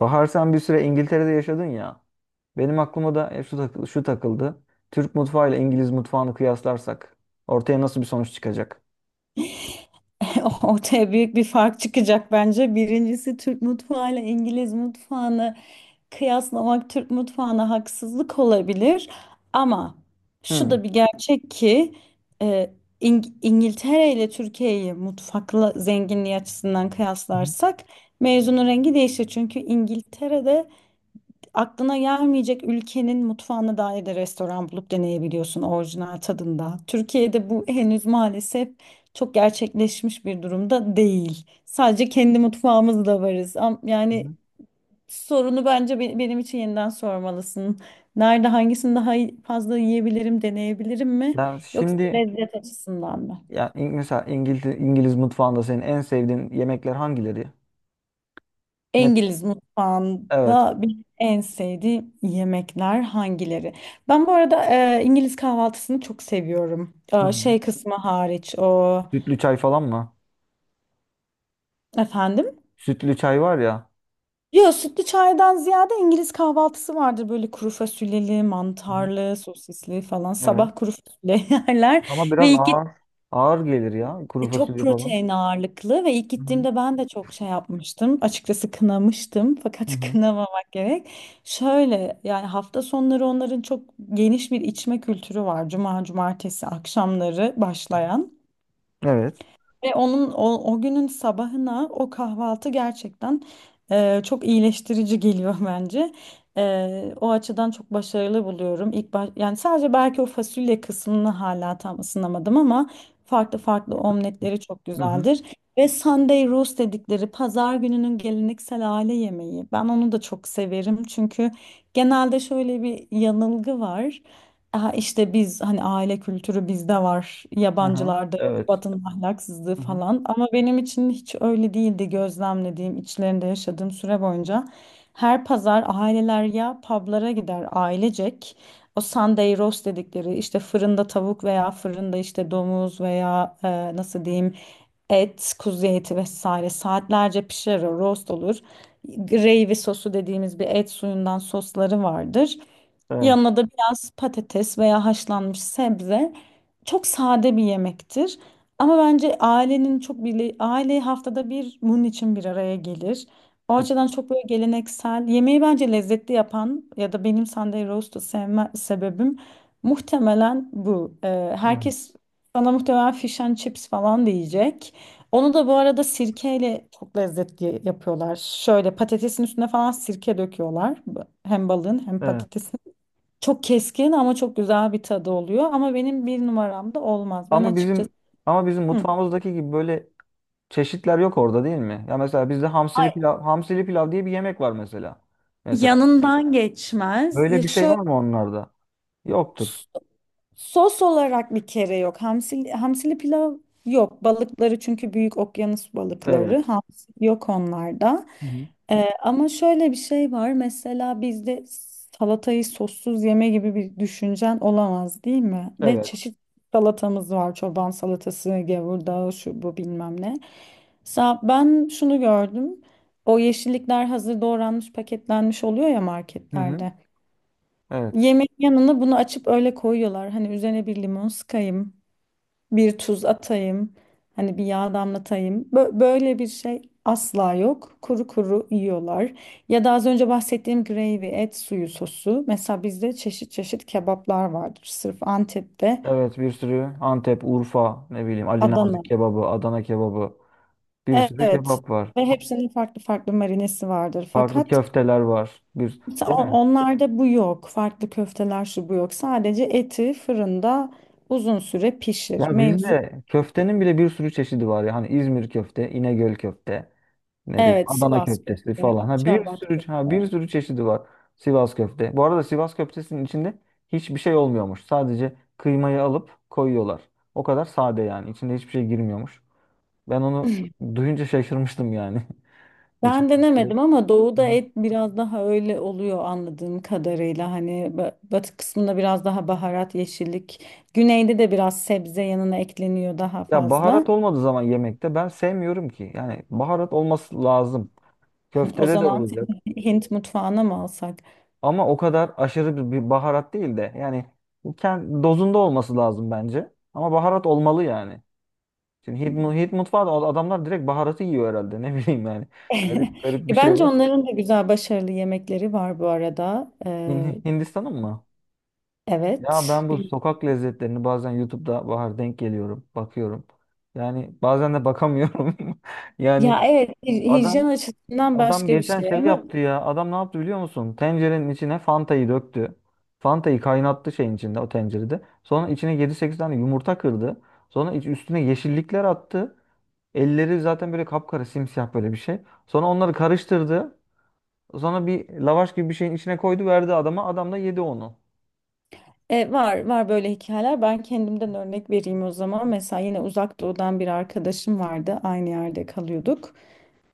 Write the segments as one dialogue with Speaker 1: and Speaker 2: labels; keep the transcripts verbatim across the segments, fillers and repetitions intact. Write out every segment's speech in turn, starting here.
Speaker 1: Bahar sen bir süre İngiltere'de yaşadın ya. Benim aklıma da e, şu takıldı, şu takıldı. Türk mutfağı ile İngiliz mutfağını kıyaslarsak ortaya nasıl bir sonuç çıkacak?
Speaker 2: Ortaya büyük bir fark çıkacak bence. Birincisi Türk mutfağıyla İngiliz mutfağını kıyaslamak Türk mutfağına haksızlık olabilir. Ama
Speaker 1: Hmm.
Speaker 2: şu
Speaker 1: Hı
Speaker 2: da bir gerçek ki e, İng- İngiltere ile Türkiye'yi mutfakla zenginliği açısından
Speaker 1: hı,
Speaker 2: kıyaslarsak mevzunun rengi değişir. Çünkü İngiltere'de aklına gelmeyecek ülkenin mutfağına dair de restoran bulup deneyebiliyorsun orijinal tadında. Türkiye'de bu henüz maalesef çok gerçekleşmiş bir durumda değil. Sadece kendi mutfağımızda varız. Am-
Speaker 1: hı
Speaker 2: Yani
Speaker 1: hı.
Speaker 2: sorunu bence be- benim için yeniden sormalısın. Nerede hangisini daha iyi- fazla yiyebilirim, deneyebilirim mi?
Speaker 1: Ya
Speaker 2: Yoksa
Speaker 1: şimdi,
Speaker 2: lezzet açısından mı?
Speaker 1: ya İng- mesela İngiltere, İngiliz mutfağında senin en sevdiğin yemekler hangileri? Ne?
Speaker 2: İngiliz
Speaker 1: Evet.
Speaker 2: mutfağında bir en sevdiğim yemekler hangileri? Ben bu arada e, İngiliz kahvaltısını çok seviyorum.
Speaker 1: Hı hı.
Speaker 2: E, şey kısmı hariç o
Speaker 1: Sütlü çay falan mı?
Speaker 2: efendim.
Speaker 1: Sütlü çay var ya.
Speaker 2: Yo, sütlü çaydan ziyade İngiliz kahvaltısı vardır, böyle kuru fasulyeli,
Speaker 1: Hı hı.
Speaker 2: mantarlı, sosisli falan.
Speaker 1: Evet.
Speaker 2: Sabah kuru fasulye yerler
Speaker 1: Ama
Speaker 2: ve
Speaker 1: biraz
Speaker 2: iki
Speaker 1: ağır. Ağır gelir ya. Kuru
Speaker 2: E, çok
Speaker 1: fasulye falan.
Speaker 2: protein ağırlıklı ve ilk
Speaker 1: Hı hı,
Speaker 2: gittiğimde ben de çok şey yapmıştım. Açıkçası kınamıştım
Speaker 1: hı
Speaker 2: fakat
Speaker 1: hı.
Speaker 2: kınamamak gerek. Şöyle yani hafta sonları onların çok geniş bir içme kültürü var. Cuma, cumartesi akşamları başlayan.
Speaker 1: Evet.
Speaker 2: Ve onun o, o günün sabahına o kahvaltı gerçekten e, çok iyileştirici geliyor bence. E, o açıdan çok başarılı buluyorum. İlk baş, yani sadece belki o fasulye kısmını hala tam ısınamadım ama farklı farklı omletleri çok
Speaker 1: Hı hı,
Speaker 2: güzeldir. Ve Sunday roast dedikleri pazar gününün geleneksel aile yemeği. Ben onu da çok severim çünkü genelde şöyle bir yanılgı var. Aha işte biz hani aile kültürü bizde var,
Speaker 1: hı hı.
Speaker 2: yabancılarda yok,
Speaker 1: Evet.
Speaker 2: Batı'nın ahlaksızlığı
Speaker 1: Hı hı.
Speaker 2: falan. Ama benim için hiç öyle değildi gözlemlediğim, içlerinde yaşadığım süre boyunca. Her pazar aileler ya publara gider ailecek. O Sunday roast dedikleri işte fırında tavuk veya fırında işte domuz veya e, nasıl diyeyim, et, kuzu eti vesaire saatlerce pişer, o roast olur. Gravy sosu dediğimiz bir et suyundan sosları vardır.
Speaker 1: Evet.
Speaker 2: Yanına da biraz patates veya haşlanmış sebze, çok sade bir yemektir. Ama bence ailenin çok bile aile haftada bir bunun için bir araya gelir. O açıdan çok böyle geleneksel yemeği bence lezzetli yapan ya da benim Sunday roast'u sevme sebebim muhtemelen bu. Ee,
Speaker 1: Evet.
Speaker 2: herkes bana muhtemelen fish and chips falan diyecek. Onu da bu arada sirkeyle çok lezzetli yapıyorlar. Şöyle patatesin üstüne falan sirke döküyorlar. Hem balığın hem
Speaker 1: Evet.
Speaker 2: patatesin. Çok keskin ama çok güzel bir tadı oluyor. Ama benim bir numaramda olmaz. Ben
Speaker 1: Ama bizim
Speaker 2: açıkçası
Speaker 1: ama bizim
Speaker 2: hı.
Speaker 1: mutfağımızdaki gibi böyle çeşitler yok orada, değil mi? Ya mesela bizde
Speaker 2: Ay,
Speaker 1: hamsili pilav, hamsili pilav diye bir yemek var mesela. Mesela
Speaker 2: yanından geçmez. Ya
Speaker 1: böyle bir şey var
Speaker 2: şöyle,
Speaker 1: mı onlarda? Yoktur.
Speaker 2: sos olarak bir kere yok. Hamsili, hamsili pilav yok. Balıkları çünkü büyük okyanus balıkları.
Speaker 1: Evet.
Speaker 2: Hamsi yok onlarda.
Speaker 1: Hı hı.
Speaker 2: Ee, ama şöyle bir şey var. Mesela bizde salatayı sossuz yeme gibi bir düşüncen olamaz değil mi? Ve
Speaker 1: Evet.
Speaker 2: çeşit salatamız var. Çoban salatası, gevurdağı, şu bu bilmem ne. Sa ben şunu gördüm. O yeşillikler hazır doğranmış, paketlenmiş oluyor ya
Speaker 1: Hı hı.
Speaker 2: marketlerde.
Speaker 1: Evet.
Speaker 2: Yemeğin yanına bunu açıp öyle koyuyorlar. Hani üzerine bir limon sıkayım, bir tuz atayım, hani bir yağ damlatayım. Bö- böyle bir şey asla yok. Kuru kuru yiyorlar. Ya da az önce bahsettiğim gravy, et suyu sosu. Mesela bizde çeşit çeşit kebaplar vardır. Sırf Antep'te,
Speaker 1: Evet, bir sürü Antep, Urfa, ne bileyim Ali
Speaker 2: Adana.
Speaker 1: Nazik kebabı, Adana kebabı. Bir sürü
Speaker 2: Evet.
Speaker 1: kebap var.
Speaker 2: Ve hepsinin farklı farklı marinesi vardır.
Speaker 1: Farklı
Speaker 2: Fakat
Speaker 1: köfteler var. Bir
Speaker 2: mesela
Speaker 1: değil
Speaker 2: on-
Speaker 1: mi?
Speaker 2: onlarda bu yok. Farklı köfteler şu bu yok. Sadece eti fırında uzun süre pişir.
Speaker 1: Ya
Speaker 2: Mevzu
Speaker 1: bizde köftenin bile bir sürü çeşidi var ya. Hani İzmir köfte, İnegöl köfte. Ne bileyim
Speaker 2: evet,
Speaker 1: Adana
Speaker 2: Sivas
Speaker 1: köftesi
Speaker 2: köfte,
Speaker 1: falan. Ha bir
Speaker 2: Akçaabat
Speaker 1: sürü ha
Speaker 2: köfte.
Speaker 1: bir sürü çeşidi var. Sivas köfte. Bu arada Sivas köftesinin içinde hiçbir şey olmuyormuş. Sadece kıymayı alıp koyuyorlar. O kadar sade yani. İçinde hiçbir şey girmiyormuş. Ben onu duyunca şaşırmıştım yani. Hiç.
Speaker 2: Ben
Speaker 1: Evet.
Speaker 2: denemedim ama doğuda
Speaker 1: Aha.
Speaker 2: et biraz daha öyle oluyor anladığım kadarıyla. Hani ba- batı kısmında biraz daha baharat, yeşillik. Güneyde de biraz sebze yanına ekleniyor daha
Speaker 1: Ya
Speaker 2: fazla.
Speaker 1: baharat olmadığı zaman yemekte ben sevmiyorum ki. Yani baharat olması lazım.
Speaker 2: O
Speaker 1: Köftede de
Speaker 2: zaman
Speaker 1: olacak.
Speaker 2: seni Hint mutfağına mı alsak?
Speaker 1: Ama o kadar aşırı bir bir baharat değil de yani kend- dozunda olması lazım bence. Ama baharat olmalı yani. Şimdi Hint, mu- Hint mutfağı da adamlar direkt baharatı yiyor herhalde. Ne bileyim yani. Garip garip bir
Speaker 2: E,
Speaker 1: şey
Speaker 2: Bence
Speaker 1: var.
Speaker 2: onların da güzel, başarılı yemekleri var bu arada. Ee,
Speaker 1: Hin- Hindistan'ın mı? Ya
Speaker 2: evet.
Speaker 1: ben bu
Speaker 2: Bil-
Speaker 1: sokak lezzetlerini bazen YouTube'da Bahar denk geliyorum. Bakıyorum. Yani bazen de bakamıyorum. Yani
Speaker 2: Ya evet, hij-
Speaker 1: adam
Speaker 2: hijyen açısından
Speaker 1: adam
Speaker 2: başka bir
Speaker 1: geçen
Speaker 2: şey
Speaker 1: şey
Speaker 2: ama
Speaker 1: yaptı ya. Adam ne yaptı biliyor musun? Tencerenin içine Fanta'yı döktü. Fanta'yı kaynattı şeyin içinde, o tencerede. Sonra içine yedi sekiz tane yumurta kırdı. Sonra iç- üstüne yeşillikler attı. Elleri zaten böyle kapkara, simsiyah, böyle bir şey. Sonra onları karıştırdı. Sonra bir lavaş gibi bir şeyin içine koydu, verdi adama. Adam da yedi onu.
Speaker 2: E, var var böyle hikayeler. Ben kendimden örnek vereyim o zaman. Mesela yine uzak doğudan bir arkadaşım vardı. Aynı yerde kalıyorduk.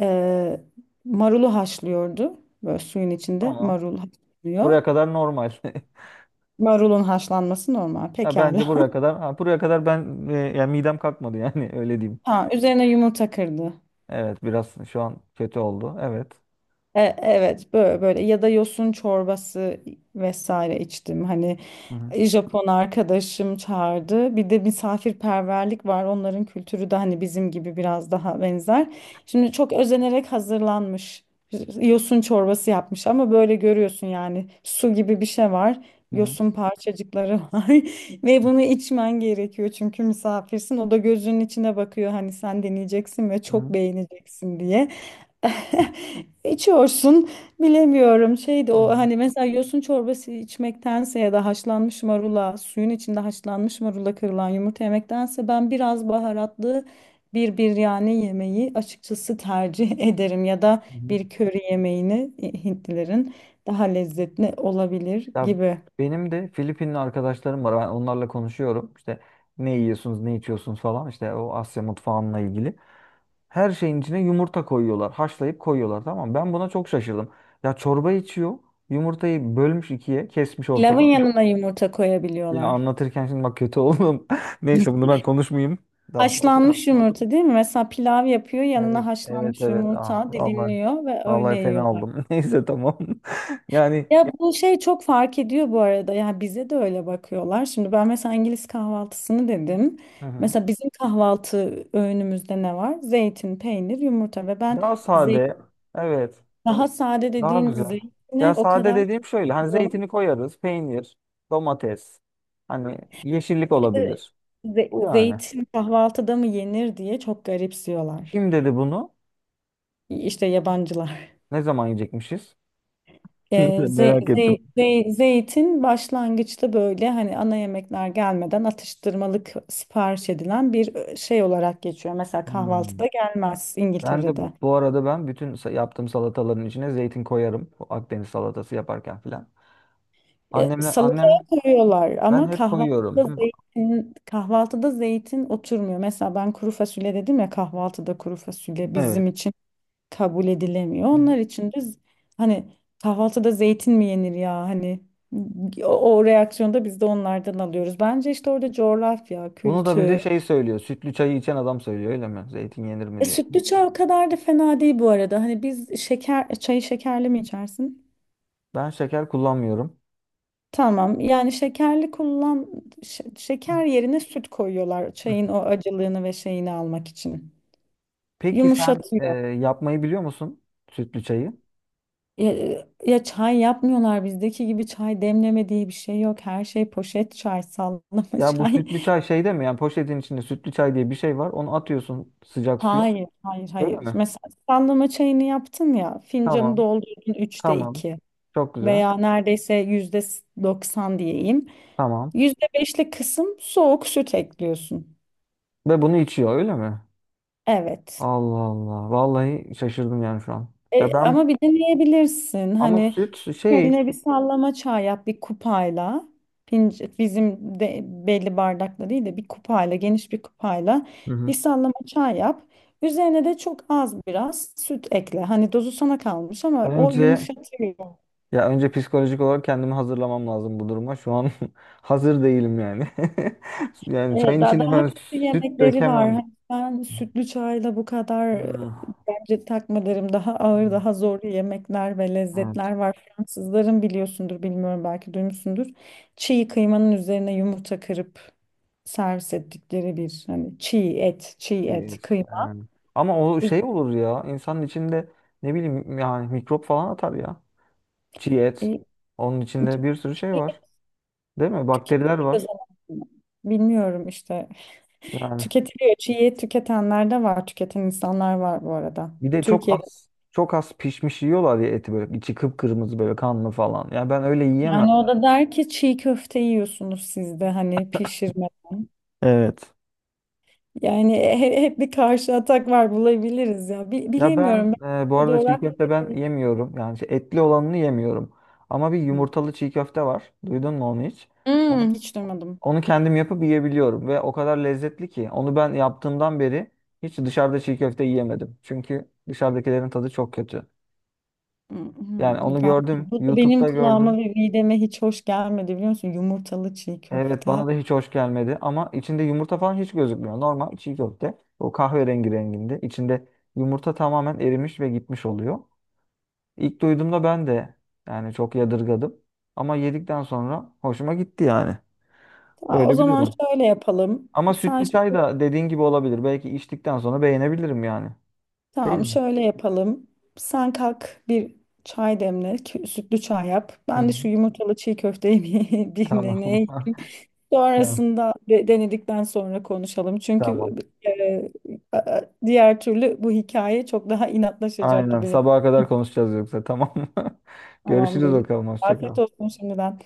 Speaker 2: E, Marulu haşlıyordu. Böyle suyun içinde
Speaker 1: Tamam.
Speaker 2: marul haşlıyor.
Speaker 1: Buraya kadar normal.
Speaker 2: Marulun haşlanması normal.
Speaker 1: Ya bence
Speaker 2: Pekala.
Speaker 1: buraya kadar ha, buraya kadar ben e, yani midem kalkmadı yani, öyle diyeyim.
Speaker 2: Ha, üzerine yumurta kırdı.
Speaker 1: Evet, biraz şu an kötü oldu. Evet.
Speaker 2: E- Evet, böyle, böyle ya da yosun çorbası vesaire içtim. Hani
Speaker 1: Hı hı.
Speaker 2: e, Japon arkadaşım çağırdı. Bir de misafirperverlik var. Onların kültürü de hani bizim gibi biraz daha benzer. Şimdi çok özenerek hazırlanmış e, yosun çorbası yapmış ama böyle görüyorsun yani su gibi bir şey var.
Speaker 1: Hı hı.
Speaker 2: Yosun parçacıkları var ve bunu içmen gerekiyor çünkü misafirsin. O da gözünün içine bakıyor, hani sen deneyeceksin ve
Speaker 1: Hı
Speaker 2: çok
Speaker 1: hı.
Speaker 2: beğeneceksin diye. İçiyorsun, bilemiyorum şeydi o, hani mesela yosun çorbası içmektense ya da haşlanmış marula suyun içinde haşlanmış marula kırılan yumurta yemektense ben biraz baharatlı bir biryani yemeği açıkçası tercih ederim ya da
Speaker 1: Hı hı.
Speaker 2: bir köri yemeğini e, Hintlilerin daha lezzetli olabilir
Speaker 1: Ya
Speaker 2: gibi.
Speaker 1: benim de Filipinli arkadaşlarım var. Ben onlarla konuşuyorum. İşte ne yiyorsunuz, ne içiyorsunuz falan. İşte o Asya mutfağınla ilgili. Her şeyin içine yumurta koyuyorlar. Haşlayıp koyuyorlar. Tamam mı? Ben buna çok şaşırdım. Ya çorba içiyor. Yumurtayı bölmüş ikiye. Kesmiş
Speaker 2: Pilavın
Speaker 1: ortadan.
Speaker 2: yanına yumurta
Speaker 1: Ya
Speaker 2: koyabiliyorlar.
Speaker 1: anlatırken şimdi bak kötü oldum. Neyse bunu ben konuşmayayım. Daha fazla.
Speaker 2: Haşlanmış yumurta değil mi? Mesela pilav yapıyor,
Speaker 1: Evet,
Speaker 2: yanına
Speaker 1: evet,
Speaker 2: haşlanmış
Speaker 1: evet. Ah,
Speaker 2: yumurta
Speaker 1: vallahi,
Speaker 2: dilimliyor ve öyle
Speaker 1: vallahi
Speaker 2: yiyor.
Speaker 1: fena oldum. Neyse tamam. Yani.
Speaker 2: Ya bu şey çok fark ediyor bu arada. Ya bize de öyle bakıyorlar. Şimdi ben mesela İngiliz kahvaltısını dedim.
Speaker 1: Hı hı.
Speaker 2: Mesela bizim kahvaltı öğünümüzde ne var? Zeytin, peynir, yumurta ve ben
Speaker 1: Daha sade.
Speaker 2: zeytin,
Speaker 1: Evet.
Speaker 2: daha sade
Speaker 1: Daha
Speaker 2: dediğin
Speaker 1: güzel. Ya
Speaker 2: zeytine o
Speaker 1: sade
Speaker 2: kadar
Speaker 1: dediğim şöyle. Hani
Speaker 2: bakıyorlar.
Speaker 1: zeytini koyarız. Peynir, domates. Hani yeşillik
Speaker 2: İşte
Speaker 1: olabilir. Bu
Speaker 2: ze-
Speaker 1: yani.
Speaker 2: zeytin kahvaltıda mı yenir diye çok garipsiyorlar.
Speaker 1: Kim dedi bunu?
Speaker 2: İşte yabancılar.
Speaker 1: Ne zaman yiyecekmişiz?
Speaker 2: Ee, ze-
Speaker 1: Merak
Speaker 2: ze-
Speaker 1: ettim.
Speaker 2: ze- zeytin başlangıçta böyle hani ana yemekler gelmeden atıştırmalık sipariş edilen bir e, şey olarak geçiyor. Mesela
Speaker 1: Hmm.
Speaker 2: kahvaltıda gelmez
Speaker 1: Ben de
Speaker 2: İngiltere'de.
Speaker 1: bu arada ben bütün sa- yaptığım salataların içine zeytin koyarım. Bu Akdeniz salatası yaparken filan.
Speaker 2: Ee,
Speaker 1: Annemle
Speaker 2: salataya
Speaker 1: annem
Speaker 2: koyuyorlar
Speaker 1: ben
Speaker 2: ama
Speaker 1: hep koyuyorum.
Speaker 2: kahvaltıda
Speaker 1: Hı.
Speaker 2: zeytin, kahvaltıda zeytin oturmuyor. Mesela ben kuru fasulye dedim ya, kahvaltıda kuru fasulye
Speaker 1: Evet.
Speaker 2: bizim için kabul edilemiyor.
Speaker 1: Hı.
Speaker 2: Onlar için de z- hani kahvaltıda zeytin mi yenir, ya hani o, o reaksiyonda biz de onlardan alıyoruz. Bence işte orada coğrafya,
Speaker 1: Bunu da bize
Speaker 2: kültür.
Speaker 1: şey söylüyor. Sütlü çayı içen adam söylüyor, öyle mi? Zeytin yenir mi
Speaker 2: E,
Speaker 1: diye.
Speaker 2: sütlü çay o kadar da fena değil bu arada. Hani biz şeker çayı şekerli mi içersin?
Speaker 1: Ben şeker kullanmıyorum.
Speaker 2: Tamam. Yani şekerli kullan, şe-
Speaker 1: Hı.
Speaker 2: şeker yerine süt koyuyorlar çayın o acılığını ve şeyini almak için.
Speaker 1: Peki sen e,
Speaker 2: Yumuşatıyor.
Speaker 1: yapmayı biliyor musun sütlü çayı?
Speaker 2: Ya, ya çay yapmıyorlar bizdeki gibi, çay demleme diye bir şey yok. Her şey poşet çay, sallama
Speaker 1: Ya bu
Speaker 2: çay.
Speaker 1: sütlü çay şeyde mi? Yani poşetin içinde sütlü çay diye bir şey var. Onu atıyorsun sıcak suya.
Speaker 2: Hayır, hayır,
Speaker 1: Öyle
Speaker 2: hayır.
Speaker 1: mi?
Speaker 2: Mesela sallama çayını yaptın ya, fincanı
Speaker 1: Tamam.
Speaker 2: doldurdun üçte
Speaker 1: Tamam.
Speaker 2: iki
Speaker 1: Çok güzel.
Speaker 2: veya neredeyse yüzde doksan diyeyim.
Speaker 1: Tamam.
Speaker 2: Yüzde beşlik kısım soğuk süt ekliyorsun.
Speaker 1: Ve bunu içiyor, öyle mi?
Speaker 2: Evet.
Speaker 1: Allah Allah. Vallahi şaşırdım yani şu an. Ya
Speaker 2: E,
Speaker 1: ben,
Speaker 2: ama bir deneyebilirsin.
Speaker 1: ama
Speaker 2: Hani
Speaker 1: süt şey.
Speaker 2: kendine bir sallama çay yap bir kupayla. Pinc- bizim de belli bardakla değil de bir kupayla, geniş bir kupayla
Speaker 1: Hı
Speaker 2: bir
Speaker 1: hı.
Speaker 2: sallama çay yap. Üzerine de çok az biraz süt ekle. Hani dozu sana kalmış ama o
Speaker 1: önce
Speaker 2: yumuşatıyor.
Speaker 1: ya önce psikolojik olarak kendimi hazırlamam lazım bu duruma. Şu an hazır değilim yani. Yani
Speaker 2: Evet,
Speaker 1: çayın
Speaker 2: daha,
Speaker 1: içine
Speaker 2: daha
Speaker 1: ben
Speaker 2: kötü
Speaker 1: süt
Speaker 2: yemekleri var.
Speaker 1: dökemem.
Speaker 2: Hani ben sütlü çayla bu kadar e,
Speaker 1: Hmm.
Speaker 2: bence takma derim. Daha ağır, daha zor yemekler ve
Speaker 1: Evet,
Speaker 2: lezzetler var. Fransızların biliyorsundur, bilmiyorum belki duymuşsundur. Çiğ kıymanın üzerine yumurta kırıp servis ettikleri bir, hani çiğ et, çiğ et,
Speaker 1: bir-
Speaker 2: kıyma.
Speaker 1: yani. Ama o
Speaker 2: Üz-
Speaker 1: şey olur ya. İnsanın içinde, ne bileyim yani, mikrop falan atar ya. Çiğ et.
Speaker 2: E,
Speaker 1: Onun içinde bir sürü
Speaker 2: Çiğ
Speaker 1: şey
Speaker 2: et
Speaker 1: var. Değil mi? Bakteriler
Speaker 2: tüketiliyor
Speaker 1: var.
Speaker 2: zaten. Bilmiyorum işte.
Speaker 1: Yani
Speaker 2: Tüketiliyor. Çiğ et tüketenler de var. Tüketen insanlar var bu arada.
Speaker 1: bir de çok
Speaker 2: Türkiye'de.
Speaker 1: az çok az pişmiş yiyorlar ya eti, böyle içi kıpkırmızı, böyle kanlı falan. Ya ben öyle yiyemem.
Speaker 2: Yani o da der ki çiğ köfte yiyorsunuz siz de hani pişirmeden.
Speaker 1: Evet.
Speaker 2: Yani he- hep bir karşı atak var bulabiliriz ya. Bi-
Speaker 1: Ya ben
Speaker 2: bilemiyorum.
Speaker 1: e, bu
Speaker 2: Ben
Speaker 1: arada çiğ
Speaker 2: coğrafya.
Speaker 1: köfte ben yemiyorum. Yani şey, etli olanını yemiyorum. Ama bir
Speaker 2: Hı.
Speaker 1: yumurtalı çiğ köfte var. Duydun mu onu hiç?
Speaker 2: Hmm, hiç duymadım.
Speaker 1: Onu kendim yapıp yiyebiliyorum ve o kadar lezzetli ki onu ben yaptığımdan beri hiç dışarıda çiğ köfte yiyemedim. Çünkü dışarıdakilerin tadı çok kötü. Yani
Speaker 2: Mhm.
Speaker 1: onu
Speaker 2: Ben,
Speaker 1: gördüm,
Speaker 2: bu da benim
Speaker 1: YouTube'da
Speaker 2: kulağıma
Speaker 1: gördüm.
Speaker 2: ve mideme hiç hoş gelmedi biliyor musun? Yumurtalı çiğ
Speaker 1: Evet,
Speaker 2: köfte.
Speaker 1: bana da hiç hoş gelmedi ama içinde yumurta falan hiç gözükmüyor. Normal çiğ köfte o kahverengi renginde. İçinde yumurta tamamen erimiş ve gitmiş oluyor. İlk duyduğumda ben de yani çok yadırgadım. Ama yedikten sonra hoşuma gitti yani.
Speaker 2: Ya, o
Speaker 1: Öyle bir
Speaker 2: zaman
Speaker 1: durum.
Speaker 2: şöyle yapalım.
Speaker 1: Ama
Speaker 2: Sen
Speaker 1: sütlü
Speaker 2: ş-
Speaker 1: çay da dediğin gibi olabilir. Belki içtikten sonra beğenebilirim yani. Değil
Speaker 2: tamam,
Speaker 1: mi?
Speaker 2: şöyle yapalım. Sen kalk bir çay demle, kü- sütlü çay yap.
Speaker 1: Hı
Speaker 2: Ben de
Speaker 1: hı.
Speaker 2: şu yumurtalı çiğ köfteyi bir, bir
Speaker 1: Tamam.
Speaker 2: deneyeyim.
Speaker 1: Tamam.
Speaker 2: Sonrasında de- denedikten sonra konuşalım. Çünkü
Speaker 1: Tamam.
Speaker 2: e, a- diğer türlü bu hikaye çok daha inatlaşacak
Speaker 1: Aynen.
Speaker 2: gibi.
Speaker 1: Sabaha kadar konuşacağız yoksa. Tamam mı? Görüşürüz
Speaker 2: Tamamdır.
Speaker 1: bakalım. Hoşça
Speaker 2: Afiyet
Speaker 1: kal.
Speaker 2: olsun şimdiden.